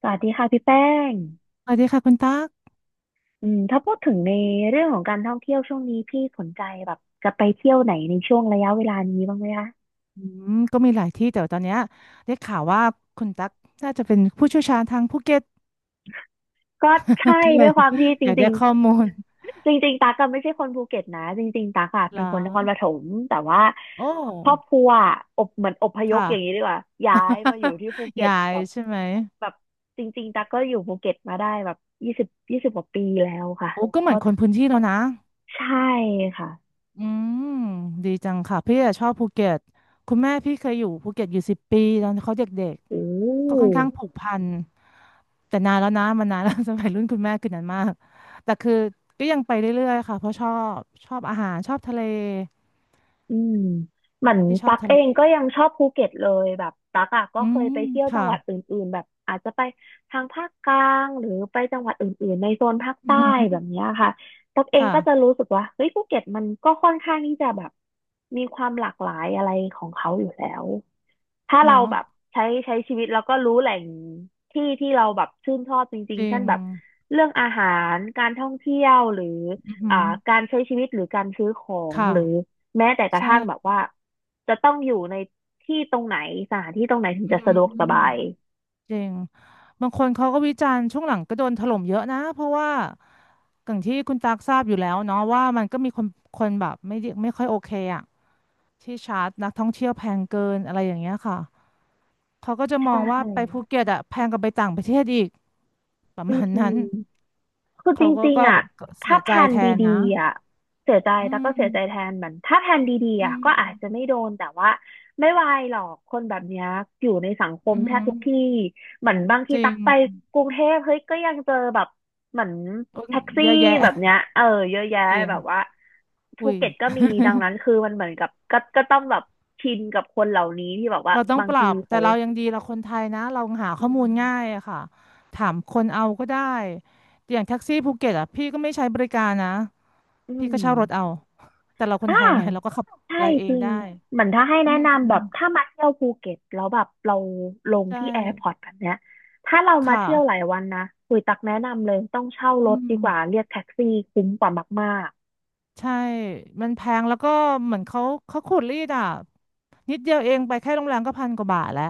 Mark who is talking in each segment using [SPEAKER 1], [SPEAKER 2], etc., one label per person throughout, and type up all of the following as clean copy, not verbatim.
[SPEAKER 1] สวัสดีค่ะพี่แป้ง
[SPEAKER 2] สวัสดีค่ะคุณตั๊ก
[SPEAKER 1] อืมถ้าพูดถึงในเรื่องของการท่องเที่ยวช่วงนี้พี่สนใจแบบจะไปเที่ยวไหนในช่วงระยะเวลานี้บ้างไหมคะ
[SPEAKER 2] อืก็มีหลายที่แต่ว่าตอนเนี้ยได้ข่าวว่าคุณตั๊กน่าจะเป็นผู้เชี่ยวชาญทางภูเก็ต
[SPEAKER 1] ก็ใช่
[SPEAKER 2] ก็เล
[SPEAKER 1] ด้ว
[SPEAKER 2] ย
[SPEAKER 1] ยความที่จ
[SPEAKER 2] อยาก
[SPEAKER 1] ริ
[SPEAKER 2] ได้
[SPEAKER 1] ง
[SPEAKER 2] ข้อมูล
[SPEAKER 1] ๆ จริงๆตักก็ไม่ใช่คนภูเก็ตนะจริงๆตักอะ
[SPEAKER 2] เหร
[SPEAKER 1] เป็น
[SPEAKER 2] อ
[SPEAKER 1] คนนครปฐมแต่ว่า
[SPEAKER 2] โอ
[SPEAKER 1] ครอบ
[SPEAKER 2] ้
[SPEAKER 1] ครัวอะอบเหมือนอพยพ
[SPEAKER 2] ค่ะ
[SPEAKER 1] อย่างนี้ดีกว่าย้ายมาอยู่ที่ภูเก็ ต
[SPEAKER 2] ยาย
[SPEAKER 1] แบบ
[SPEAKER 2] ใช่ไหม
[SPEAKER 1] แบบจริงๆตักก็อยู่ภูเก็ตมาได้แบบยี่สิบกว่าปีแล้วค่ะ
[SPEAKER 2] โอ้ก็
[SPEAKER 1] เพ
[SPEAKER 2] เหมือ
[SPEAKER 1] ราะ
[SPEAKER 2] นคนพื้นที่แล้วนะ
[SPEAKER 1] ใช่ค่ะ
[SPEAKER 2] อืมดีจังค่ะพี่อะชอบภูเก็ตคุณแม่พี่เคยอยู่ภูเก็ตอยู่10 ปีตอนเขาเด็ก
[SPEAKER 1] โอ
[SPEAKER 2] ก็ค่อน
[SPEAKER 1] ้
[SPEAKER 2] ข้างผูกพันแต่นานแล้วนะมันนานแล้ว สมัยรุ่นคุณแม่คือนันมากแต่คือก็ยังไปเรื่อยๆค่ะเพราะบชอบอาหารชอบทะเล
[SPEAKER 1] อืมเหมือน
[SPEAKER 2] ที่ชอ
[SPEAKER 1] ตั
[SPEAKER 2] บ
[SPEAKER 1] ก
[SPEAKER 2] ทะ
[SPEAKER 1] เอ
[SPEAKER 2] เล
[SPEAKER 1] งก็ยังชอบภูเก็ตเลยแบบตักอ่ะก็
[SPEAKER 2] อื
[SPEAKER 1] เคย
[SPEAKER 2] ม
[SPEAKER 1] ไปเที่ยวจั
[SPEAKER 2] ค่ะ
[SPEAKER 1] งหวัดอื่นๆแบบอาจจะไปทางภาคกลางหรือไปจังหวัดอื่นๆในโซนภาค
[SPEAKER 2] อือ
[SPEAKER 1] ใต้
[SPEAKER 2] หือ
[SPEAKER 1] แบบเนี้ยค่ะตักเองก็จะ
[SPEAKER 2] ค่ะ
[SPEAKER 1] รู้สึกว่าเฮ้ยภูเก็ตมันก็ค่อนข้างที่จะแบบมีความหลากหลายอะไรของเขาอยู่แล้ว ถ้าเรา
[SPEAKER 2] เนาะ
[SPEAKER 1] แบบใช้ชีวิตแล้วก็รู้แหล่งที่ที่เราแบบชื่นชอบจริ
[SPEAKER 2] จ
[SPEAKER 1] งๆ
[SPEAKER 2] ริ
[SPEAKER 1] เช่น
[SPEAKER 2] ง
[SPEAKER 1] แบบเรื่องอาหารการท่องเที่ยวหรือ
[SPEAKER 2] อือหื
[SPEAKER 1] อ่า
[SPEAKER 2] อ
[SPEAKER 1] การใช้ชีวิตหรือการซื้อของ
[SPEAKER 2] ค่ะ
[SPEAKER 1] หรือแม้แต่กระทั่งแบบ
[SPEAKER 2] ใช่
[SPEAKER 1] ว่าจะต้องอยู่ในที่ตรงไหนสถานที่ตรงไหนถึง
[SPEAKER 2] อื
[SPEAKER 1] จะ
[SPEAKER 2] อือ
[SPEAKER 1] สะดวกสบาย
[SPEAKER 2] จริงบางคนเขาก็วิจารณ์ช่วงหลังก็โดนถล่มเยอะนะเพราะว่าอย่างที่คุณตักทราบอยู่แล้วเนาะว่ามันก็มีคนแบบไม่ได้ไม่ค่อยโอเคอ่ะ ที่ชาร์จนักท่องเที่ยวแพงเกินอะไรอย่างเงี้ยค่ะเขาก็จะม
[SPEAKER 1] ใช
[SPEAKER 2] องว่าไปภู
[SPEAKER 1] ่
[SPEAKER 2] เก็ตอะแพงกว่าไปต่างประเทศอีกประ
[SPEAKER 1] อื
[SPEAKER 2] มาณนั้
[SPEAKER 1] ม
[SPEAKER 2] น
[SPEAKER 1] คือจ
[SPEAKER 2] เขาก็
[SPEAKER 1] ริง
[SPEAKER 2] ก็
[SPEAKER 1] ๆอ่ะ
[SPEAKER 2] ก็เสี
[SPEAKER 1] ถ้า
[SPEAKER 2] ย
[SPEAKER 1] แผ
[SPEAKER 2] ใจ
[SPEAKER 1] น
[SPEAKER 2] แทน
[SPEAKER 1] ดี
[SPEAKER 2] นะ
[SPEAKER 1] ๆอ่ะเสียใจ
[SPEAKER 2] อื
[SPEAKER 1] แต่ก็เสียใจแท
[SPEAKER 2] ม
[SPEAKER 1] นเหมือนถ้าแผนดีๆ
[SPEAKER 2] อื
[SPEAKER 1] อ่ะก็อาจจะ
[SPEAKER 2] ม
[SPEAKER 1] ไม่โดนแต่ว่าไม่วายหรอกคนแบบเนี้ยอยู่ในสังคม
[SPEAKER 2] อื
[SPEAKER 1] แทบ
[SPEAKER 2] ม
[SPEAKER 1] ทุกที่เหมือนบางที
[SPEAKER 2] จริ
[SPEAKER 1] ตักไป
[SPEAKER 2] ง
[SPEAKER 1] กรุงเทพเฮ้ยก็ยังเจอแบบเหมือน
[SPEAKER 2] โอ้ย
[SPEAKER 1] แท็ก
[SPEAKER 2] เย
[SPEAKER 1] ซี่
[SPEAKER 2] อะแยะ
[SPEAKER 1] แบบเนี้ยเออเยอะแยะ
[SPEAKER 2] เก่ง
[SPEAKER 1] แบบว่าภู
[SPEAKER 2] อุ้ย
[SPEAKER 1] เก็ตก็มีดังนั้น คือมันเหมือนกับก็ต้องแบบชินกับคนเหล่านี้ที่แบบว่า
[SPEAKER 2] เราต้อง
[SPEAKER 1] บาง
[SPEAKER 2] ปรั
[SPEAKER 1] ที
[SPEAKER 2] บแต่
[SPEAKER 1] เขา
[SPEAKER 2] เรายังดีเราคนไทยนะเราหา
[SPEAKER 1] อื
[SPEAKER 2] ข้อมูลง่าย
[SPEAKER 1] ม
[SPEAKER 2] อะค่ะถามคนเอาก็ได้อย่างแท็กซี่ภูเก็ตอะพี่ก็ไม่ใช้บริการนะ
[SPEAKER 1] อื
[SPEAKER 2] พี่ก็เช่ารถเอา
[SPEAKER 1] ม
[SPEAKER 2] แต่เราคน
[SPEAKER 1] อ่า
[SPEAKER 2] ไทยไงเราก็ขับ
[SPEAKER 1] ใช่
[SPEAKER 2] อะไรเอ
[SPEAKER 1] จ
[SPEAKER 2] ง
[SPEAKER 1] ริง
[SPEAKER 2] ได้
[SPEAKER 1] เหมือนถ้าให้
[SPEAKER 2] อื
[SPEAKER 1] แนะ
[SPEAKER 2] ม
[SPEAKER 1] นำแบบถ้ามาเที่ยวภูเก็ตแล้วแบบเราลง
[SPEAKER 2] ใช่
[SPEAKER 1] ที่แอร์พอร์ตแบบเนี้ยถ้าเรามา
[SPEAKER 2] ค่ะ
[SPEAKER 1] เที่ยวหลายวันนะคุยตักแนะนำเลยต้องเช่าร
[SPEAKER 2] อื
[SPEAKER 1] ถดี
[SPEAKER 2] ม
[SPEAKER 1] กว่าเรียกแท็กซี่คุ้มกว่ามาก
[SPEAKER 2] ใช่มันแพงแล้วก็เหมือนเขาขูดรีดอ่ะนิดเดียวเองไปแค่โรงแรมก็พันกว่าบาทแล้ว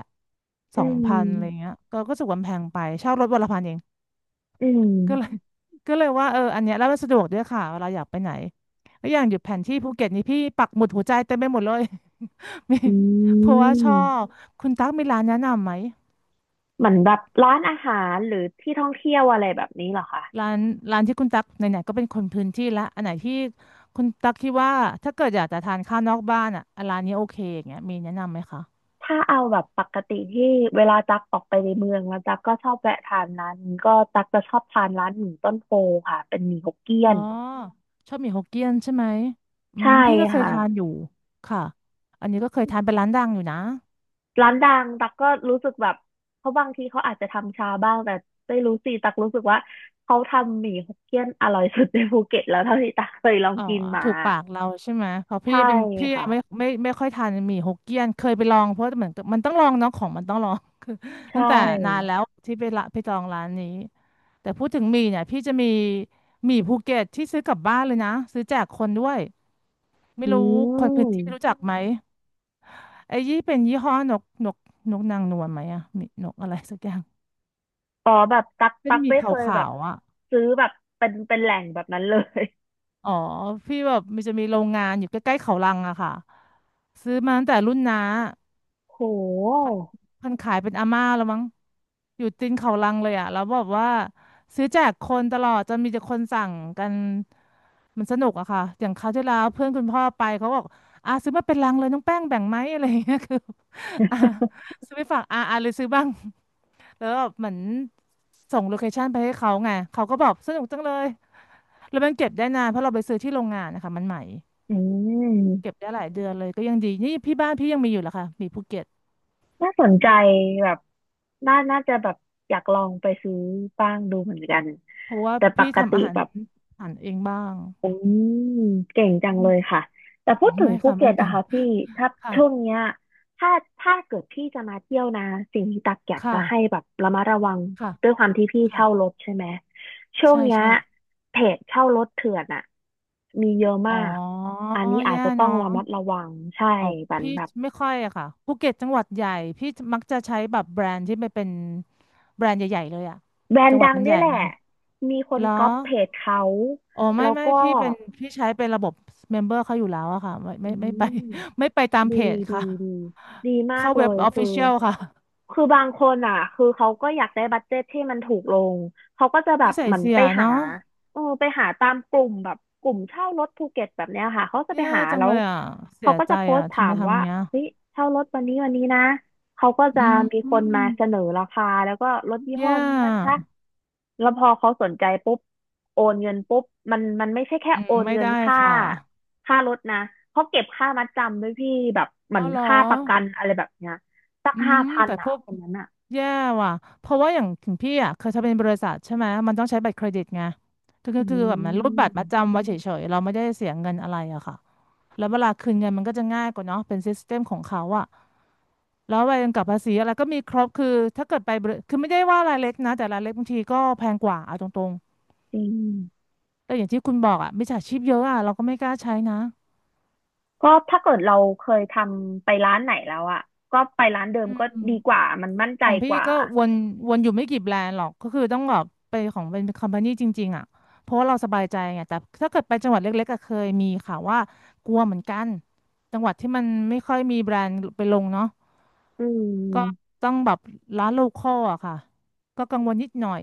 [SPEAKER 1] ๆ
[SPEAKER 2] ส
[SPEAKER 1] อื
[SPEAKER 2] อง
[SPEAKER 1] ม
[SPEAKER 2] พันอะไรเงี้ยก็รู้สึกว่ามันแพงไปเช่ารถวันละพันเอง
[SPEAKER 1] อื
[SPEAKER 2] ก็เลย
[SPEAKER 1] ม
[SPEAKER 2] ก็เลยว่าเอออันเนี้ยแล้วมันสะดวกด้วยค่ะเวลาอยากไปไหนแล้วอย่างอยู่แผนที่ภูเก็ตนี่พี่ปักหมุดหัวใจเต็มไปหมดเลย มี
[SPEAKER 1] อื
[SPEAKER 2] เพราะว่าชอบ
[SPEAKER 1] ม
[SPEAKER 2] คุณตั๊กมีร้านแนะนำไหม
[SPEAKER 1] เหมือนแบบร้านอาหารหรือที่ท่องเที่ยวอะไรแบบนี้เหรอคะ
[SPEAKER 2] ร้านร้านที่คุณตั๊กไหนๆก็เป็นคนพื้นที่ละอันไหนที่คุณตั๊กคิดว่าถ้าเกิดอยากจะทานข้าวนอกบ้านอ่ะร้านนี้โอเคอย่างเงี้ยมีแนะนำไหมคะ
[SPEAKER 1] ถ้าเอาแบบปกติที่เวลาตักออกไปในเมืองแล้วตักก็ชอบแวะทานร้านนี้ก็ตักจะชอบทานร้านหมี่ต้นโพค่ะเป็นหมี่ฮกเกี้ย
[SPEAKER 2] อ๋อ
[SPEAKER 1] น
[SPEAKER 2] ชอบหมี่ฮกเกี้ยนใช่ไหมอื
[SPEAKER 1] ใช่
[SPEAKER 2] มพี่ก็เคย
[SPEAKER 1] ค่ะ
[SPEAKER 2] ทานอยู่ค่ะอันนี้ก็เคยทานเป็นร้านดังอยู่นะ
[SPEAKER 1] ร้านดังตักก็รู้สึกแบบเขาบางทีเขาอาจจะทำชาบ้างแต่ไม่รู้สิตักรู้สึกว่าเขาทำหมี่ฮกเกี้ยนอร่อยสุดในภูเก็ตแล้วเท่าที่ตักเคยลอง
[SPEAKER 2] อ๋อ
[SPEAKER 1] กินมา
[SPEAKER 2] ถูกปากเราใช่ไหมเพราะพี่
[SPEAKER 1] ใช่
[SPEAKER 2] เป็นพี่
[SPEAKER 1] ค่ะ
[SPEAKER 2] ไม่ค่อยทานหมี่ฮกเกี้ยนเคยไปลองเพราะเหมือนกับมันต้องลองเนาะของมันต้องลอง คือตั้
[SPEAKER 1] ใช่
[SPEAKER 2] งแต่นานแล้วที่ไปละไปจองร้านนี้แต่พูดถึงหมี่เนี่ยพี่จะมีหมี่ภูเก็ตที่ซื้อกลับบ้านเลยนะซื้อแจกคนด้วยไม่
[SPEAKER 1] อื
[SPEAKER 2] รู้คนพื้นที่รู้จั
[SPEAKER 1] ม
[SPEAKER 2] กไหมไอ้ยี่เป็นยี่ห้อนกนกนกนางนวลไหมอะหมี่นกอะไรสักอย่าง
[SPEAKER 1] อ๋อแบบตัก
[SPEAKER 2] เป็
[SPEAKER 1] ตั
[SPEAKER 2] น
[SPEAKER 1] ก
[SPEAKER 2] หมี่
[SPEAKER 1] ไม่
[SPEAKER 2] ข
[SPEAKER 1] เคยแบ
[SPEAKER 2] า
[SPEAKER 1] บ
[SPEAKER 2] วๆอ่ะ
[SPEAKER 1] ซื้อแบบเป็นแหล่งแบบนั้นเลย
[SPEAKER 2] อ๋อพี่แบบมันจะมีโรงงานอยู่ใกล้ๆเขาลังอะค่ะซื้อมาตั้งแต่รุ่นน้า
[SPEAKER 1] โ
[SPEAKER 2] ค
[SPEAKER 1] ห
[SPEAKER 2] นคนขายเป็นอาม่าแล้วมั้งอยู่ตีนเขาลังเลยอ่ะแล้วบอกว่าซื้อแจกคนตลอดจนมีแต่คนสั่งกันมันสนุกอะค่ะ อย่างคราวที่แล้วเพื่อนคุณพ่อไปเขาบอกอ่ะซื้อมาเป็นลังเลยน้องแป้งแบ่งไหม อะไรอย่างเงี้ยคืออ่ะซื้อไปฝากอ่ะเลยซื้อบ้างแล้วแบบเหมือนส่งโลเคชั่นไปให้เขาไงเขาก็บอกสนุกจังเลยแล้วมันเก็บได้นานเพราะเราไปซื้อที่โรงงานนะคะมันใหม่
[SPEAKER 1] อื
[SPEAKER 2] เก็บ
[SPEAKER 1] ม
[SPEAKER 2] ได้หลายเดือนเลยก็ยังดีนี่พี่บ้านพี่ยังมีอยู่เหรอคะมีภูเก็ต
[SPEAKER 1] น่าสนใจแบบน่าน่าจะแบบอยากลองไปซื้อบ้างดูเหมือนกัน
[SPEAKER 2] เพราะว่า
[SPEAKER 1] แต่ป
[SPEAKER 2] พี่
[SPEAKER 1] ก
[SPEAKER 2] ทำ
[SPEAKER 1] ติ
[SPEAKER 2] อาหาร
[SPEAKER 1] แบบ
[SPEAKER 2] อาหารเองบ้าง
[SPEAKER 1] อืมเก่งจั
[SPEAKER 2] อื
[SPEAKER 1] งเลย
[SPEAKER 2] ม
[SPEAKER 1] ค่ะแต่พูดถึง
[SPEAKER 2] ไม่
[SPEAKER 1] ภู
[SPEAKER 2] ค่ะ
[SPEAKER 1] เก็
[SPEAKER 2] ไม่
[SPEAKER 1] ตนะ
[SPEAKER 2] เก่ง
[SPEAKER 1] คะพี่ถ้า
[SPEAKER 2] ค่ะ
[SPEAKER 1] ช่วงเนี้ยถ้าถ้าเกิดพี่จะมาเที่ยวนะสิ่งที่ตักอยากจะ
[SPEAKER 2] ค่ะ
[SPEAKER 1] ให้แบบระมัดระวัง
[SPEAKER 2] ค่ะ
[SPEAKER 1] ด้วยความที่พี่
[SPEAKER 2] ค่ะ
[SPEAKER 1] เช่ารถใช่ไหมช่วง
[SPEAKER 2] ใช่
[SPEAKER 1] เนี้ย
[SPEAKER 2] ใช่
[SPEAKER 1] เพจเช่ารถเถื่อนอะมีเยอะ
[SPEAKER 2] อ๋
[SPEAKER 1] มา
[SPEAKER 2] อ
[SPEAKER 1] กอันนี้อาจ
[SPEAKER 2] แย่
[SPEAKER 1] จะต้อง
[SPEAKER 2] เนาะ
[SPEAKER 1] ระมัดระวังใช่
[SPEAKER 2] อ๋อ
[SPEAKER 1] บัน
[SPEAKER 2] พี่
[SPEAKER 1] แบบ
[SPEAKER 2] ไม่ค่อยอะค่ะภูเก็ตจังหวัดใหญ่พี่มักจะใช้แบบแบรนด์ที่ไม่เป็นแบรนด์ใหญ่ๆเลยอะ
[SPEAKER 1] แบรน
[SPEAKER 2] จัง
[SPEAKER 1] ด์
[SPEAKER 2] หวั
[SPEAKER 1] ดั
[SPEAKER 2] ด
[SPEAKER 1] ง
[SPEAKER 2] มันให
[SPEAKER 1] เนี่
[SPEAKER 2] ญ่
[SPEAKER 1] ยแห
[SPEAKER 2] ไง
[SPEAKER 1] ละมีคน
[SPEAKER 2] เหรอ
[SPEAKER 1] ก๊อปเพจเขา
[SPEAKER 2] อ๋อไม่
[SPEAKER 1] แล้ว
[SPEAKER 2] ไม่
[SPEAKER 1] ก็
[SPEAKER 2] พี่เป็นพี่ใช้เป็นระบบเมมเบอร์เขาอยู่แล้วอะค่ะไม่
[SPEAKER 1] อื
[SPEAKER 2] ไม่ไม่ไป
[SPEAKER 1] ม
[SPEAKER 2] ไม่ไปตาม
[SPEAKER 1] ดี
[SPEAKER 2] เพจ
[SPEAKER 1] ดี
[SPEAKER 2] ค่ะ
[SPEAKER 1] ดีดีมาก
[SPEAKER 2] เข้า
[SPEAKER 1] เล
[SPEAKER 2] เว็บ
[SPEAKER 1] ย
[SPEAKER 2] ออฟ
[SPEAKER 1] คือ
[SPEAKER 2] ฟิเชียลค่ะ
[SPEAKER 1] คือบางคนอ่ะคือเขาก็อยากได้บัดเจ็ตที่มันถูกลงเขาก็จะแบ
[SPEAKER 2] นิ
[SPEAKER 1] บ
[SPEAKER 2] สัย
[SPEAKER 1] เหมือน
[SPEAKER 2] เสี
[SPEAKER 1] ไป
[SPEAKER 2] ย
[SPEAKER 1] หา
[SPEAKER 2] เนาะ
[SPEAKER 1] เออไปหาตามกลุ่มแบบกลุ่มเช่ารถภูเก็ตแบบเนี้ยค่ะเขาจะไป
[SPEAKER 2] แย่
[SPEAKER 1] หา
[SPEAKER 2] จัง
[SPEAKER 1] แล้
[SPEAKER 2] เล
[SPEAKER 1] ว
[SPEAKER 2] ยอ่ะเสี
[SPEAKER 1] เขา
[SPEAKER 2] ย
[SPEAKER 1] ก็
[SPEAKER 2] ใจ
[SPEAKER 1] จะโพส
[SPEAKER 2] อ่ะ
[SPEAKER 1] ต์
[SPEAKER 2] ทำ
[SPEAKER 1] ถา
[SPEAKER 2] ไม
[SPEAKER 1] มว่า
[SPEAKER 2] ทำเงี้ย
[SPEAKER 1] เฮ้ยเช่ารถวันนี้วันนี้นะเขาก็
[SPEAKER 2] อื
[SPEAKER 1] จะ
[SPEAKER 2] ม
[SPEAKER 1] มี
[SPEAKER 2] อื
[SPEAKER 1] คน
[SPEAKER 2] ม
[SPEAKER 1] มาเสนอราคาแล้วก็รถยี่ห้
[SPEAKER 2] แย่
[SPEAKER 1] อนี้นะคะ
[SPEAKER 2] อ
[SPEAKER 1] แล้วพอเขาสนใจปุ๊บโอนเงินปุ๊บมันไม่ใช่แค่
[SPEAKER 2] ื
[SPEAKER 1] โอ
[SPEAKER 2] ม
[SPEAKER 1] น
[SPEAKER 2] ไม่
[SPEAKER 1] เงิน
[SPEAKER 2] ได้
[SPEAKER 1] ค่า
[SPEAKER 2] ค่ะ
[SPEAKER 1] ค่ารถนะเขาเก็บค่ามัดจำด้วยพี่แบบเห
[SPEAKER 2] อ๋
[SPEAKER 1] มือ
[SPEAKER 2] อ
[SPEAKER 1] น
[SPEAKER 2] เหรอ
[SPEAKER 1] ค่าประกันอะไรแบบเนี้ยสัก
[SPEAKER 2] อื
[SPEAKER 1] ห้า
[SPEAKER 2] ม
[SPEAKER 1] พัน
[SPEAKER 2] แต่พ
[SPEAKER 1] อ่ะ
[SPEAKER 2] วก
[SPEAKER 1] คนนั้นอ่ะ
[SPEAKER 2] แย่ว่ะเพราะว่าอย่างถึงพี่อ่ะเคยทำเป็นบริษัทใช่ไหมมันต้องใช้บัตรเครดิตไงคือคื
[SPEAKER 1] อื
[SPEAKER 2] อคือแบบมันรูดบัตรประ
[SPEAKER 1] ม
[SPEAKER 2] จำไว้เฉยๆเราไม่ได้เสียเงินอะไรอะค่ะแล้วเวลาคืนเงินมันก็จะง่ายกว่าเนาะเป็นซิสเต็มของเขาอะแล้วใบกำกับภาษีอะไรก็มีครบคือถ้าเกิดไปบริคือไม่ได้ว่ารายเล็กนะแต่รายเล็กบางทีก็แพงกว่าเอาตรง
[SPEAKER 1] จริง
[SPEAKER 2] แต่อย่างที่คุณบอกอ่ะมิจฉาชีพเยอะอ่ะเราก็ไม่กล้าใช้นะ
[SPEAKER 1] ก็ถ้าเกิดเราเคยทำไปร้านไหนแล้วอ่ะก็ไปร้านเดิม
[SPEAKER 2] อื
[SPEAKER 1] ก็
[SPEAKER 2] ม
[SPEAKER 1] ดีกว่ามันมั่นใจ
[SPEAKER 2] ของพี่
[SPEAKER 1] กว่า
[SPEAKER 2] ก็วนอยู่ไม่กี่แบรนด์หรอกก็คือต้องแบบไปของเป็นคอมพานีจริงๆอ่ะเพราะว่าเราสบายใจไงแต่ถ้าเกิดไปจังหวัดเล็กๆก็เคยมีค่ะว่ากลัวเหมือนกันจังหวัดที่มันไม่ค่อยมีแบรนด์ไปลงเนาะ
[SPEAKER 1] อื
[SPEAKER 2] ก็
[SPEAKER 1] ม
[SPEAKER 2] ต้องแบบร้านโลคอลอะค่ะก็กังวลนิดหน่อย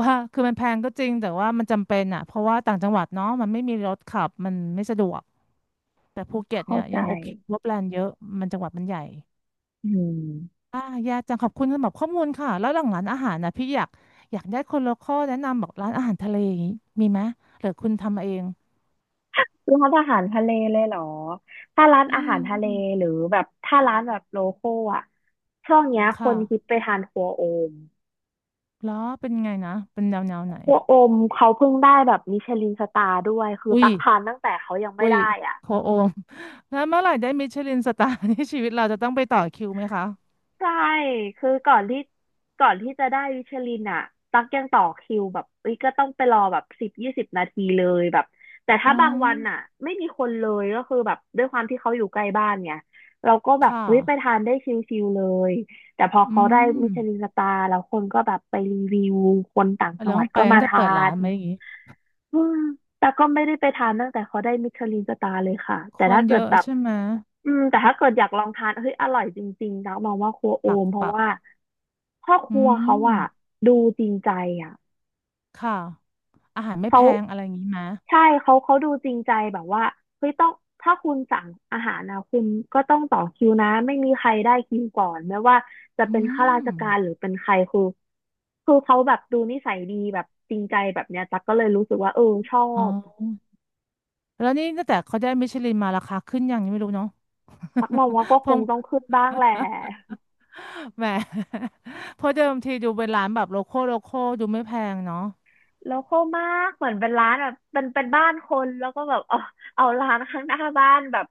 [SPEAKER 2] ว่าคือมันแพงก็จริงแต่ว่ามันจำเป็นอ่ะเพราะว่าต่างจังหวัดเนาะมันไม่มีรถขับมันไม่สะดวกแต่ภูเก็ต
[SPEAKER 1] เข้า
[SPEAKER 2] เนี่ย
[SPEAKER 1] ใจ
[SPEAKER 2] ยังโอเคว่าแบรนด์เยอะมันจังหวัดมันใหญ่
[SPEAKER 1] อืม
[SPEAKER 2] อ่ายาจังขอบคุณสำหรับข้อมูลค่ะแล้วหลังร้านอาหารนะพี่อยากได้คนโลคอลแนะนำบอกร้านอาหารทะเลอย่างนี้มีไหมหรือคุณทำเอง
[SPEAKER 1] ร้านอาหารทะเลเลยเหรอถ้าร้าน
[SPEAKER 2] อื
[SPEAKER 1] อา
[SPEAKER 2] ม
[SPEAKER 1] หารทะ
[SPEAKER 2] อื
[SPEAKER 1] เล
[SPEAKER 2] ม
[SPEAKER 1] หรือแบบถ้าร้านแบบโลคอลอ่ะช่วงเนี้ยค
[SPEAKER 2] ค่ะ
[SPEAKER 1] นฮิตไปทานครัวโอม
[SPEAKER 2] แล้วเป็นไงนะเป็นแนวไหน
[SPEAKER 1] พวกโอมเขาเพิ่งได้แบบมิชลินสตาร์ด้วยคือ
[SPEAKER 2] อุ้ย
[SPEAKER 1] ตักทานตั้งแต่เขายังไม่
[SPEAKER 2] อุ้ย
[SPEAKER 1] ได้อ่ะ
[SPEAKER 2] โคโอม แล้วเมื่อไหร่ได้มิชลินสตาร์ ที่ชีวิตเราจะต้องไปต่อคิวไหมคะ
[SPEAKER 1] ใช่คือก่อนที่จะได้มิชลินอ่ะตักยังต่อคิวแบบเอ้ยก็ต้องไปรอแบบ10-20 นาทีเลยแบบแต่
[SPEAKER 2] อ๋
[SPEAKER 1] ถ้า
[SPEAKER 2] อ
[SPEAKER 1] บางวันอ่ะไม่มีคนเลยก็คือแบบด้วยความที่เขาอยู่ใกล้บ้านไงเราก็แบบ
[SPEAKER 2] ค่ะ
[SPEAKER 1] เฮ้ยไปทานได้ชิลๆเลยแต่พอ
[SPEAKER 2] อื
[SPEAKER 1] เขาได้
[SPEAKER 2] ม
[SPEAKER 1] มิชลินสตาร์แล้วคนก็แบบไปรีวิวคนต่างจั
[SPEAKER 2] แล้
[SPEAKER 1] ง
[SPEAKER 2] ว
[SPEAKER 1] หวั
[SPEAKER 2] ต้
[SPEAKER 1] ด
[SPEAKER 2] องไป
[SPEAKER 1] ก็มา
[SPEAKER 2] งั้นจะ
[SPEAKER 1] ทา
[SPEAKER 2] เปิดร้าน
[SPEAKER 1] น
[SPEAKER 2] ไหมอย่างนี้
[SPEAKER 1] อืมแต่ก็ไม่ได้ไปทานตั้งแต่เขาได้มิชลินสตาร์เลยค่ะแต่
[SPEAKER 2] ค
[SPEAKER 1] ถ้า
[SPEAKER 2] น
[SPEAKER 1] เกิ
[SPEAKER 2] เย
[SPEAKER 1] ด
[SPEAKER 2] อะ
[SPEAKER 1] แบบ
[SPEAKER 2] ใช่ไหม
[SPEAKER 1] แต่ถ้าเกิดอยากลองทานเฮ้ยอร่อยจริงๆนะมองว่าครัวโอ
[SPEAKER 2] ปัก
[SPEAKER 1] มเพราะ
[SPEAKER 2] ปัก
[SPEAKER 1] ว่าพ่อค
[SPEAKER 2] อื
[SPEAKER 1] รัวเขาอะ
[SPEAKER 2] ม
[SPEAKER 1] ดูจริงใจอะ
[SPEAKER 2] ค่ะอาหารไม่
[SPEAKER 1] เขา
[SPEAKER 2] แพงอะไรอย่างนี้ไหม
[SPEAKER 1] ใช่เขาดูจริงใจแบบว่าเฮ้ยต้องถ้าคุณสั่งอาหารนะคุณก็ต้องต่อคิวนะไม่มีใครได้คิวก่อนไม่ว่าจะ
[SPEAKER 2] อื
[SPEAKER 1] เป็นข้าราช
[SPEAKER 2] ม
[SPEAKER 1] การหรือเป็นใครคือคือเขาแบบดูนิสัยดีแบบจริงใจแบบเนี้ยตั๊กก็เลยรู้สึกว่าเออชอ
[SPEAKER 2] อ๋
[SPEAKER 1] บ
[SPEAKER 2] อแล้วนี่ตั้งแต่เขาได้มิชลินมาราคาขึ้นยังนี้ไม่รู้เนาะ
[SPEAKER 1] ตักมองว่าก็
[SPEAKER 2] พ
[SPEAKER 1] ค
[SPEAKER 2] ง
[SPEAKER 1] งต้องขึ้นบ้างแหละ
[SPEAKER 2] แหม เพราะเดิมทีดูเป็นร้านแบบโลคอลโลคอลดูไม่แพงเนาะ
[SPEAKER 1] โลคอลมากเหมือนเป็นร้านแบบเป็นบ้านคนแล้วก็แบบเอาร้านข้างหน้าบ้านแบบ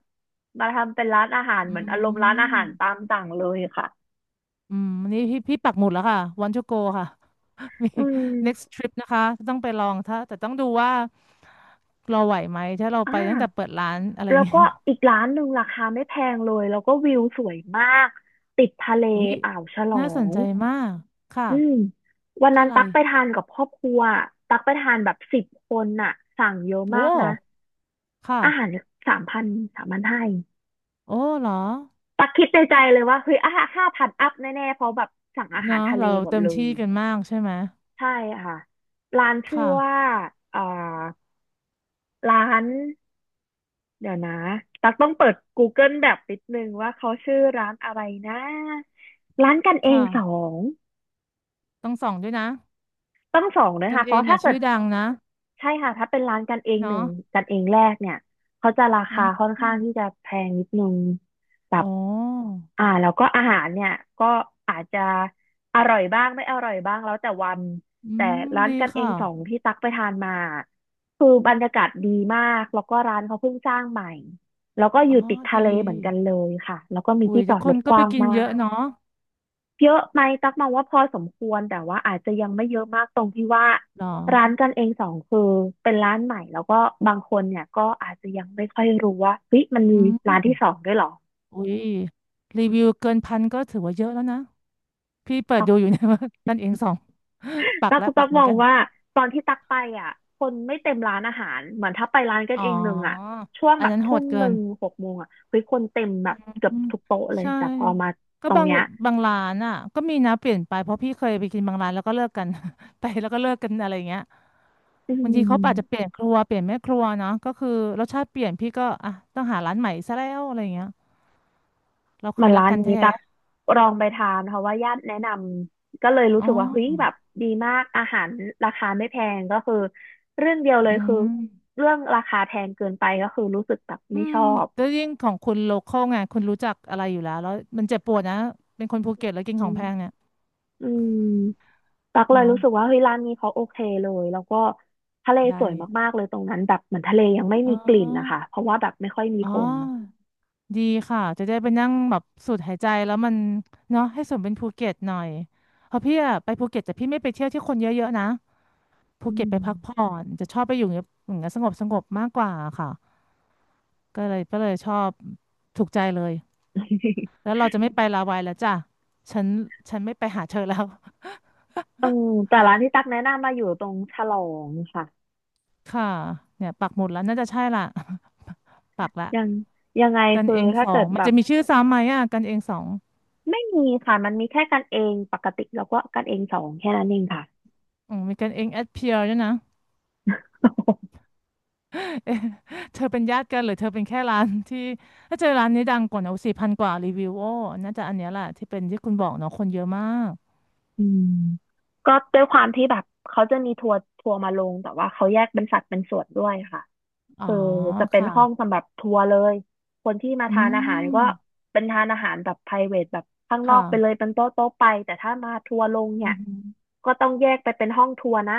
[SPEAKER 1] มาทำเป็นร้านอาหารเห
[SPEAKER 2] อื
[SPEAKER 1] มือนอารมณ์ร้านอา
[SPEAKER 2] ม
[SPEAKER 1] หารตามสั่งเลยค่ะ
[SPEAKER 2] อืมนี่พี่ปักหมุดแล้วค่ะวั n t to go ค่ะ มี
[SPEAKER 1] อื
[SPEAKER 2] next
[SPEAKER 1] ม
[SPEAKER 2] trip นะคะต้องไปลองถ้าแต่ต้องดูว่าเราไหวไหม ถ้าเรา
[SPEAKER 1] อ
[SPEAKER 2] ไปตั้งแต่
[SPEAKER 1] ่า
[SPEAKER 2] เปิดร้านอะไรอย่า
[SPEAKER 1] แล้
[SPEAKER 2] ง
[SPEAKER 1] ว
[SPEAKER 2] งี้
[SPEAKER 1] ก็อีกร้านหนึ่งราคาไม่แพงเลยแล้วก็วิวสวยมากติดทะเล
[SPEAKER 2] อุ้ย
[SPEAKER 1] อ่าวฉล
[SPEAKER 2] น่า
[SPEAKER 1] อ
[SPEAKER 2] สน
[SPEAKER 1] ง
[SPEAKER 2] ใจมาก ค่ะ
[SPEAKER 1] อืมวันนั้
[SPEAKER 2] ชื่อ
[SPEAKER 1] น
[SPEAKER 2] อะไร
[SPEAKER 1] ตักไปทานกับครอบครัวตักไปทานแบบ10 คนน่ะสั่งเยอะ
[SPEAKER 2] โอ้
[SPEAKER 1] มากนะ
[SPEAKER 2] ค่ะ
[SPEAKER 1] อาหารสามพัน3,500
[SPEAKER 2] โอ้เหรอ
[SPEAKER 1] ตักคิดในใจเลยว่าเฮ้ยอ่ะ5,000อัพแน่ๆ เพราะแบบสั่งอาหาร
[SPEAKER 2] เนาะ
[SPEAKER 1] ทะเล
[SPEAKER 2] เรา
[SPEAKER 1] หมด
[SPEAKER 2] เต็ม
[SPEAKER 1] เล
[SPEAKER 2] ที่
[SPEAKER 1] ย
[SPEAKER 2] กันมากใช่ไหม
[SPEAKER 1] ใช่ค่ะร้านชื่อว่า
[SPEAKER 2] ค่ะ
[SPEAKER 1] เอ่อร้านเดี๋ยวนะตักต้องเปิด Google แบบนิดนึงว่าเขาชื่อร้านอะไรนะร้านกันเอ
[SPEAKER 2] ค
[SPEAKER 1] งสอ
[SPEAKER 2] ่ะ
[SPEAKER 1] ง
[SPEAKER 2] ต้องส่องด้วยนะ
[SPEAKER 1] ต้องสองนะ
[SPEAKER 2] กัน
[SPEAKER 1] คะเพ
[SPEAKER 2] เอง
[SPEAKER 1] ราะ
[SPEAKER 2] เนี่
[SPEAKER 1] ถ้า
[SPEAKER 2] ย
[SPEAKER 1] เกิ
[SPEAKER 2] ชื่
[SPEAKER 1] ด
[SPEAKER 2] อดังนะ
[SPEAKER 1] ใช่ค่ะถ้าเป็นร้านกันเองห
[SPEAKER 2] เนาะ
[SPEAKER 1] นึ่งกันเองแรกเนี่ยเขาจะรา
[SPEAKER 2] อื
[SPEAKER 1] คา
[SPEAKER 2] ม
[SPEAKER 1] ค่อนข้างที่จะแพงนิดนึงแบ
[SPEAKER 2] อ๋
[SPEAKER 1] บ
[SPEAKER 2] อ
[SPEAKER 1] อ่าแล้วก็อาหารเนี่ยก็อาจจะอร่อยบ้างไม่อร่อยบ้างแล้วแต่วัน
[SPEAKER 2] อื
[SPEAKER 1] แต่
[SPEAKER 2] ม
[SPEAKER 1] ร้าน
[SPEAKER 2] ดี
[SPEAKER 1] กันเอ
[SPEAKER 2] ค่ะ
[SPEAKER 1] งสองที่ตักไปทานมาคือบรรยากาศดีมากแล้วก็ร้านเขาเพิ่งสร้างใหม่แล้วก็อ
[SPEAKER 2] อ๋อ
[SPEAKER 1] ยู่ติดทะ
[SPEAKER 2] ดี
[SPEAKER 1] เลเหมือนกันเลยค่ะแล้วก็มี
[SPEAKER 2] อุ้
[SPEAKER 1] ที่
[SPEAKER 2] ย
[SPEAKER 1] จ
[SPEAKER 2] จะ
[SPEAKER 1] อด
[SPEAKER 2] ค
[SPEAKER 1] ร
[SPEAKER 2] น
[SPEAKER 1] ถ
[SPEAKER 2] ก็
[SPEAKER 1] ก
[SPEAKER 2] ไป
[SPEAKER 1] ว้าง
[SPEAKER 2] กิน
[SPEAKER 1] มา
[SPEAKER 2] เยอะ
[SPEAKER 1] ก
[SPEAKER 2] เนาะ
[SPEAKER 1] เยอะไหมตักมองว่าพอสมควรแต่ว่าอาจจะยังไม่เยอะมากตรงที่ว่า
[SPEAKER 2] หรอ
[SPEAKER 1] ร้านกันเองสองคือเป็นร้านใหม่แล้วก็บางคนเนี่ยก็อาจจะยังไม่ค่อยรู้ว่าเฮ้ยมันมี
[SPEAKER 2] อื
[SPEAKER 1] ร้านที่
[SPEAKER 2] ม
[SPEAKER 1] สองด้วยเหรอ
[SPEAKER 2] อุ้ยรีวิวเกินพันก็ถือว่าเยอะแล้วนะพี่เปิด
[SPEAKER 1] ตั
[SPEAKER 2] ดูอยู่ เนะว่ากันเองส่องปักและ
[SPEAKER 1] กตั
[SPEAKER 2] ปั
[SPEAKER 1] ก
[SPEAKER 2] กเห
[SPEAKER 1] ม
[SPEAKER 2] มือ
[SPEAKER 1] อ
[SPEAKER 2] น
[SPEAKER 1] ง
[SPEAKER 2] กัน
[SPEAKER 1] ว่าตอนที่ตักไปอ่ะคนไม่เต็มร้านอาหารเหมือนถ้าไปร้านกัน
[SPEAKER 2] อ๋อ
[SPEAKER 1] เองหนึ่งอ่ะช่วง
[SPEAKER 2] อั
[SPEAKER 1] แบ
[SPEAKER 2] น
[SPEAKER 1] บ
[SPEAKER 2] นั้นโห
[SPEAKER 1] ทุ่ม
[SPEAKER 2] ด
[SPEAKER 1] ห
[SPEAKER 2] เกิ
[SPEAKER 1] นึ่
[SPEAKER 2] น
[SPEAKER 1] งหกโมงอ่ะเฮ้ยคนเต็มแบบเกือบ
[SPEAKER 2] อืม
[SPEAKER 1] ทุกโต๊ะเลย
[SPEAKER 2] ใช่
[SPEAKER 1] แต่พอมา
[SPEAKER 2] ก็
[SPEAKER 1] ตรง
[SPEAKER 2] บาง
[SPEAKER 1] เนี้ย
[SPEAKER 2] บางร้านอ่ะก็มีนะเปลี่ยนไปเพราะพี่เคยไปกินบางร้านแล้วก็เลิกกัน ไปแล้วก็เลิกกันอะไรอย่างเงี้ย
[SPEAKER 1] อื
[SPEAKER 2] บางทีเขาอาจจะเป
[SPEAKER 1] ม
[SPEAKER 2] ลี่ยนครัวเปลี่ยนแม่ครัวเนาะก็คือรสชาติเปลี่ยนพี่ก็อ่ะต้องหาร้านใหม่ซะแล้วอะไรอย่างเงี้ยเรา
[SPEAKER 1] เห
[SPEAKER 2] เค
[SPEAKER 1] มั
[SPEAKER 2] ย
[SPEAKER 1] น
[SPEAKER 2] รั
[SPEAKER 1] ร้า
[SPEAKER 2] ก
[SPEAKER 1] น
[SPEAKER 2] กัน
[SPEAKER 1] นี้
[SPEAKER 2] แท้
[SPEAKER 1] ตักลองไปทานเพราะว่าญาติแนะนำก็เลยรู้
[SPEAKER 2] อ๋อ
[SPEAKER 1] สึกว่าเฮ้ยแบบดีมากอาหารราคาไม่แพงก็คือเรื่องเดียวเลย
[SPEAKER 2] อื
[SPEAKER 1] คือ
[SPEAKER 2] ม
[SPEAKER 1] เรื่องราคาแพงเกินไปก็คือรู้สึกแบบ
[SPEAKER 2] อื
[SPEAKER 1] ไม่ช
[SPEAKER 2] ม
[SPEAKER 1] อบ
[SPEAKER 2] แล้วยิ่งของคุณโลคอลไงคุณรู้จักอะไรอยู่แล้วแล้วมันเจ็บปวดนะเป็นคนภูเก็ตแล้วกิน
[SPEAKER 1] อื
[SPEAKER 2] ของแพ
[SPEAKER 1] ม
[SPEAKER 2] งเนี่ย
[SPEAKER 1] อืมตักเลย
[SPEAKER 2] เนาะ
[SPEAKER 1] รู้สึกว่าเฮ้ยร้านนี้เขาโอเคเลยแล้วก็ทะเลสวย
[SPEAKER 2] ได้
[SPEAKER 1] มากๆเลยตรงนั้นแบบเหมือนทะเลยังไม่
[SPEAKER 2] อ๋
[SPEAKER 1] มีกลิ่นนะคะ
[SPEAKER 2] อ
[SPEAKER 1] เพราะว่าแบบไม่ค่อยมี
[SPEAKER 2] อ๋อ
[SPEAKER 1] คน
[SPEAKER 2] ดีค่ะจะได้ไปนั่งแบบสูดหายใจแล้วมันเนาะให้สมเป็นภูเก็ตหน่อยเพราะพี่อะไปภูเก็ตแต่พี่ไม่ไปเที่ยวที่คนเยอะๆนะภู
[SPEAKER 1] อื
[SPEAKER 2] เก็ตไป
[SPEAKER 1] ม
[SPEAKER 2] พักผ่อนจะชอบไปอยู่อย่างเงี้ยอย่างเงี้ยสงบมากกว่าค่ะก็เลยชอบถูกใจเลยแล้ วเราจะไม่ไปลาวายแล้วจ้ะฉันฉันไม่ไปหาเธอแล้ว
[SPEAKER 1] เอืแต่ร้านที่ตักแนะนำมาอยู่ตรงฉลองค่ะ
[SPEAKER 2] ค่ะเนี่ยปักหมุดแล้วน่าจะใช่ละ ปักละ
[SPEAKER 1] ยังยังไง
[SPEAKER 2] กัน
[SPEAKER 1] คือ
[SPEAKER 2] เอง
[SPEAKER 1] ถ้า
[SPEAKER 2] สอ
[SPEAKER 1] เกิ
[SPEAKER 2] ง
[SPEAKER 1] ด
[SPEAKER 2] มั
[SPEAKER 1] แบ
[SPEAKER 2] น
[SPEAKER 1] บ
[SPEAKER 2] จะมีชื่อซ้ำไหมอ่ะกันเองสอง
[SPEAKER 1] ไม่มีค่ะมันมีแค่กันเองปกติแล้วก็กันเองสองแค่นั้นเองค่ะ
[SPEAKER 2] อืมมีกันเองแอดเพียร์ด้วยนะ เธอเป็นญาติกันหรือเธอเป็นแค่ร้านที่ถ้าเจอร้านนี้ดังกว่านอะ4,000 กว่ารีวิวโอ้น่าจะอันเนี้ยแหละที่เป็นที่คุณบอกเนาะคนเยอะมาก
[SPEAKER 1] อืม ก็ด้วยความที่แบบเขาจะมีทัวร์มาลงแต่ว่าเขาแยกเป็นสัดเป็นส่วนด้วยค่ะ
[SPEAKER 2] อ๋อ
[SPEAKER 1] คือจะเป็น
[SPEAKER 2] ค่ะ
[SPEAKER 1] ห้องสำหรับทัวร์เลยคนที่มา
[SPEAKER 2] อื
[SPEAKER 1] ทานอาหารก็
[SPEAKER 2] ม
[SPEAKER 1] เป็นทานอาหารแบบ private แบบข้างนอ
[SPEAKER 2] ค่ะ
[SPEAKER 1] กไปเลยเป็นโต๊ะโต๊ะไปแต่ถ้ามาทัวร์ลง
[SPEAKER 2] อื
[SPEAKER 1] เนี่ย
[SPEAKER 2] ม
[SPEAKER 1] ก็ต้องแยกไปเป็นห้องทัวร์นะ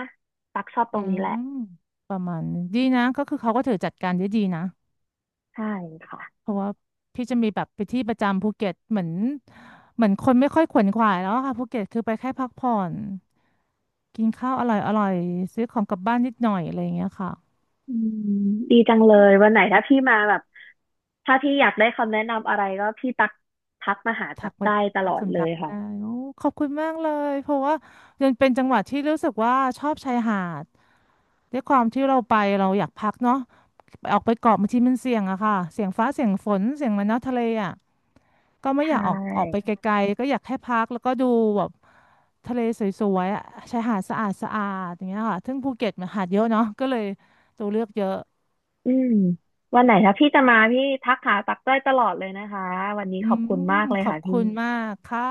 [SPEAKER 1] ตักชอบตร
[SPEAKER 2] อื
[SPEAKER 1] งนี้แหละ
[SPEAKER 2] มประมาณนึงดีนะก็คือเขาก็ถือจัดการได้ดีนะ
[SPEAKER 1] ใช่ค่ะ
[SPEAKER 2] เพราะว่าพี่จะมีแบบไปที่ประจำภูเก็ตเหมือนเหมือนคนไม่ค่อยขวนขวายแล้วอะค่ะภูเก็ตคือไปแค่พักผ่อนกินข้าวอร่อยซื้อของกลับบ้านนิดหน่อยอะไรอย่างเงี้ยค่ะ
[SPEAKER 1] อืมดีจังเลยวันไหนถ้าพี่มาแบบ ถ้าพี่อยากได้คำแนะนำอะไรก็พี่ตักทักมาหาตั
[SPEAKER 2] ทัก
[SPEAKER 1] ก
[SPEAKER 2] มา
[SPEAKER 1] ได้ต
[SPEAKER 2] ทั
[SPEAKER 1] ล
[SPEAKER 2] ก
[SPEAKER 1] อดเล
[SPEAKER 2] คำจับ
[SPEAKER 1] ยค่ะ
[SPEAKER 2] ได้โอ้ขอบคุณมากเลยเพราะว่ายังเป็นจังหวัดที่รู้สึกว่าชอบชายหาดด้วยความที่เราไปเราอยากพักเนาะไปออกไปเกาะบางทีมันเสี่ยงอะค่ะเสี่ยงฟ้าเสี่ยงฝนเสี่ยงมาเนาะทะเลอะก็ไม่
[SPEAKER 1] ใช
[SPEAKER 2] อยากออกไป
[SPEAKER 1] ่
[SPEAKER 2] ไกลๆก็อยากแค่พักแล้วก็ดูแบบทะเลสวยๆอะชายหาดสะอาดสะอาดอย่างเงี้ยค่ะซึ่งภูเก็ตมันหาดเยอะเนาะก็เลยตัวเลือกเยอะ
[SPEAKER 1] อืมวันไหนถ้าพี่จะมาพี่ทักหาตักได้ตลอดเลยนะคะวันนี้
[SPEAKER 2] อื
[SPEAKER 1] ขอบ
[SPEAKER 2] ม
[SPEAKER 1] คุณมากเลย
[SPEAKER 2] ขอบ
[SPEAKER 1] ค่ะพี่
[SPEAKER 2] คุณมากค่ะ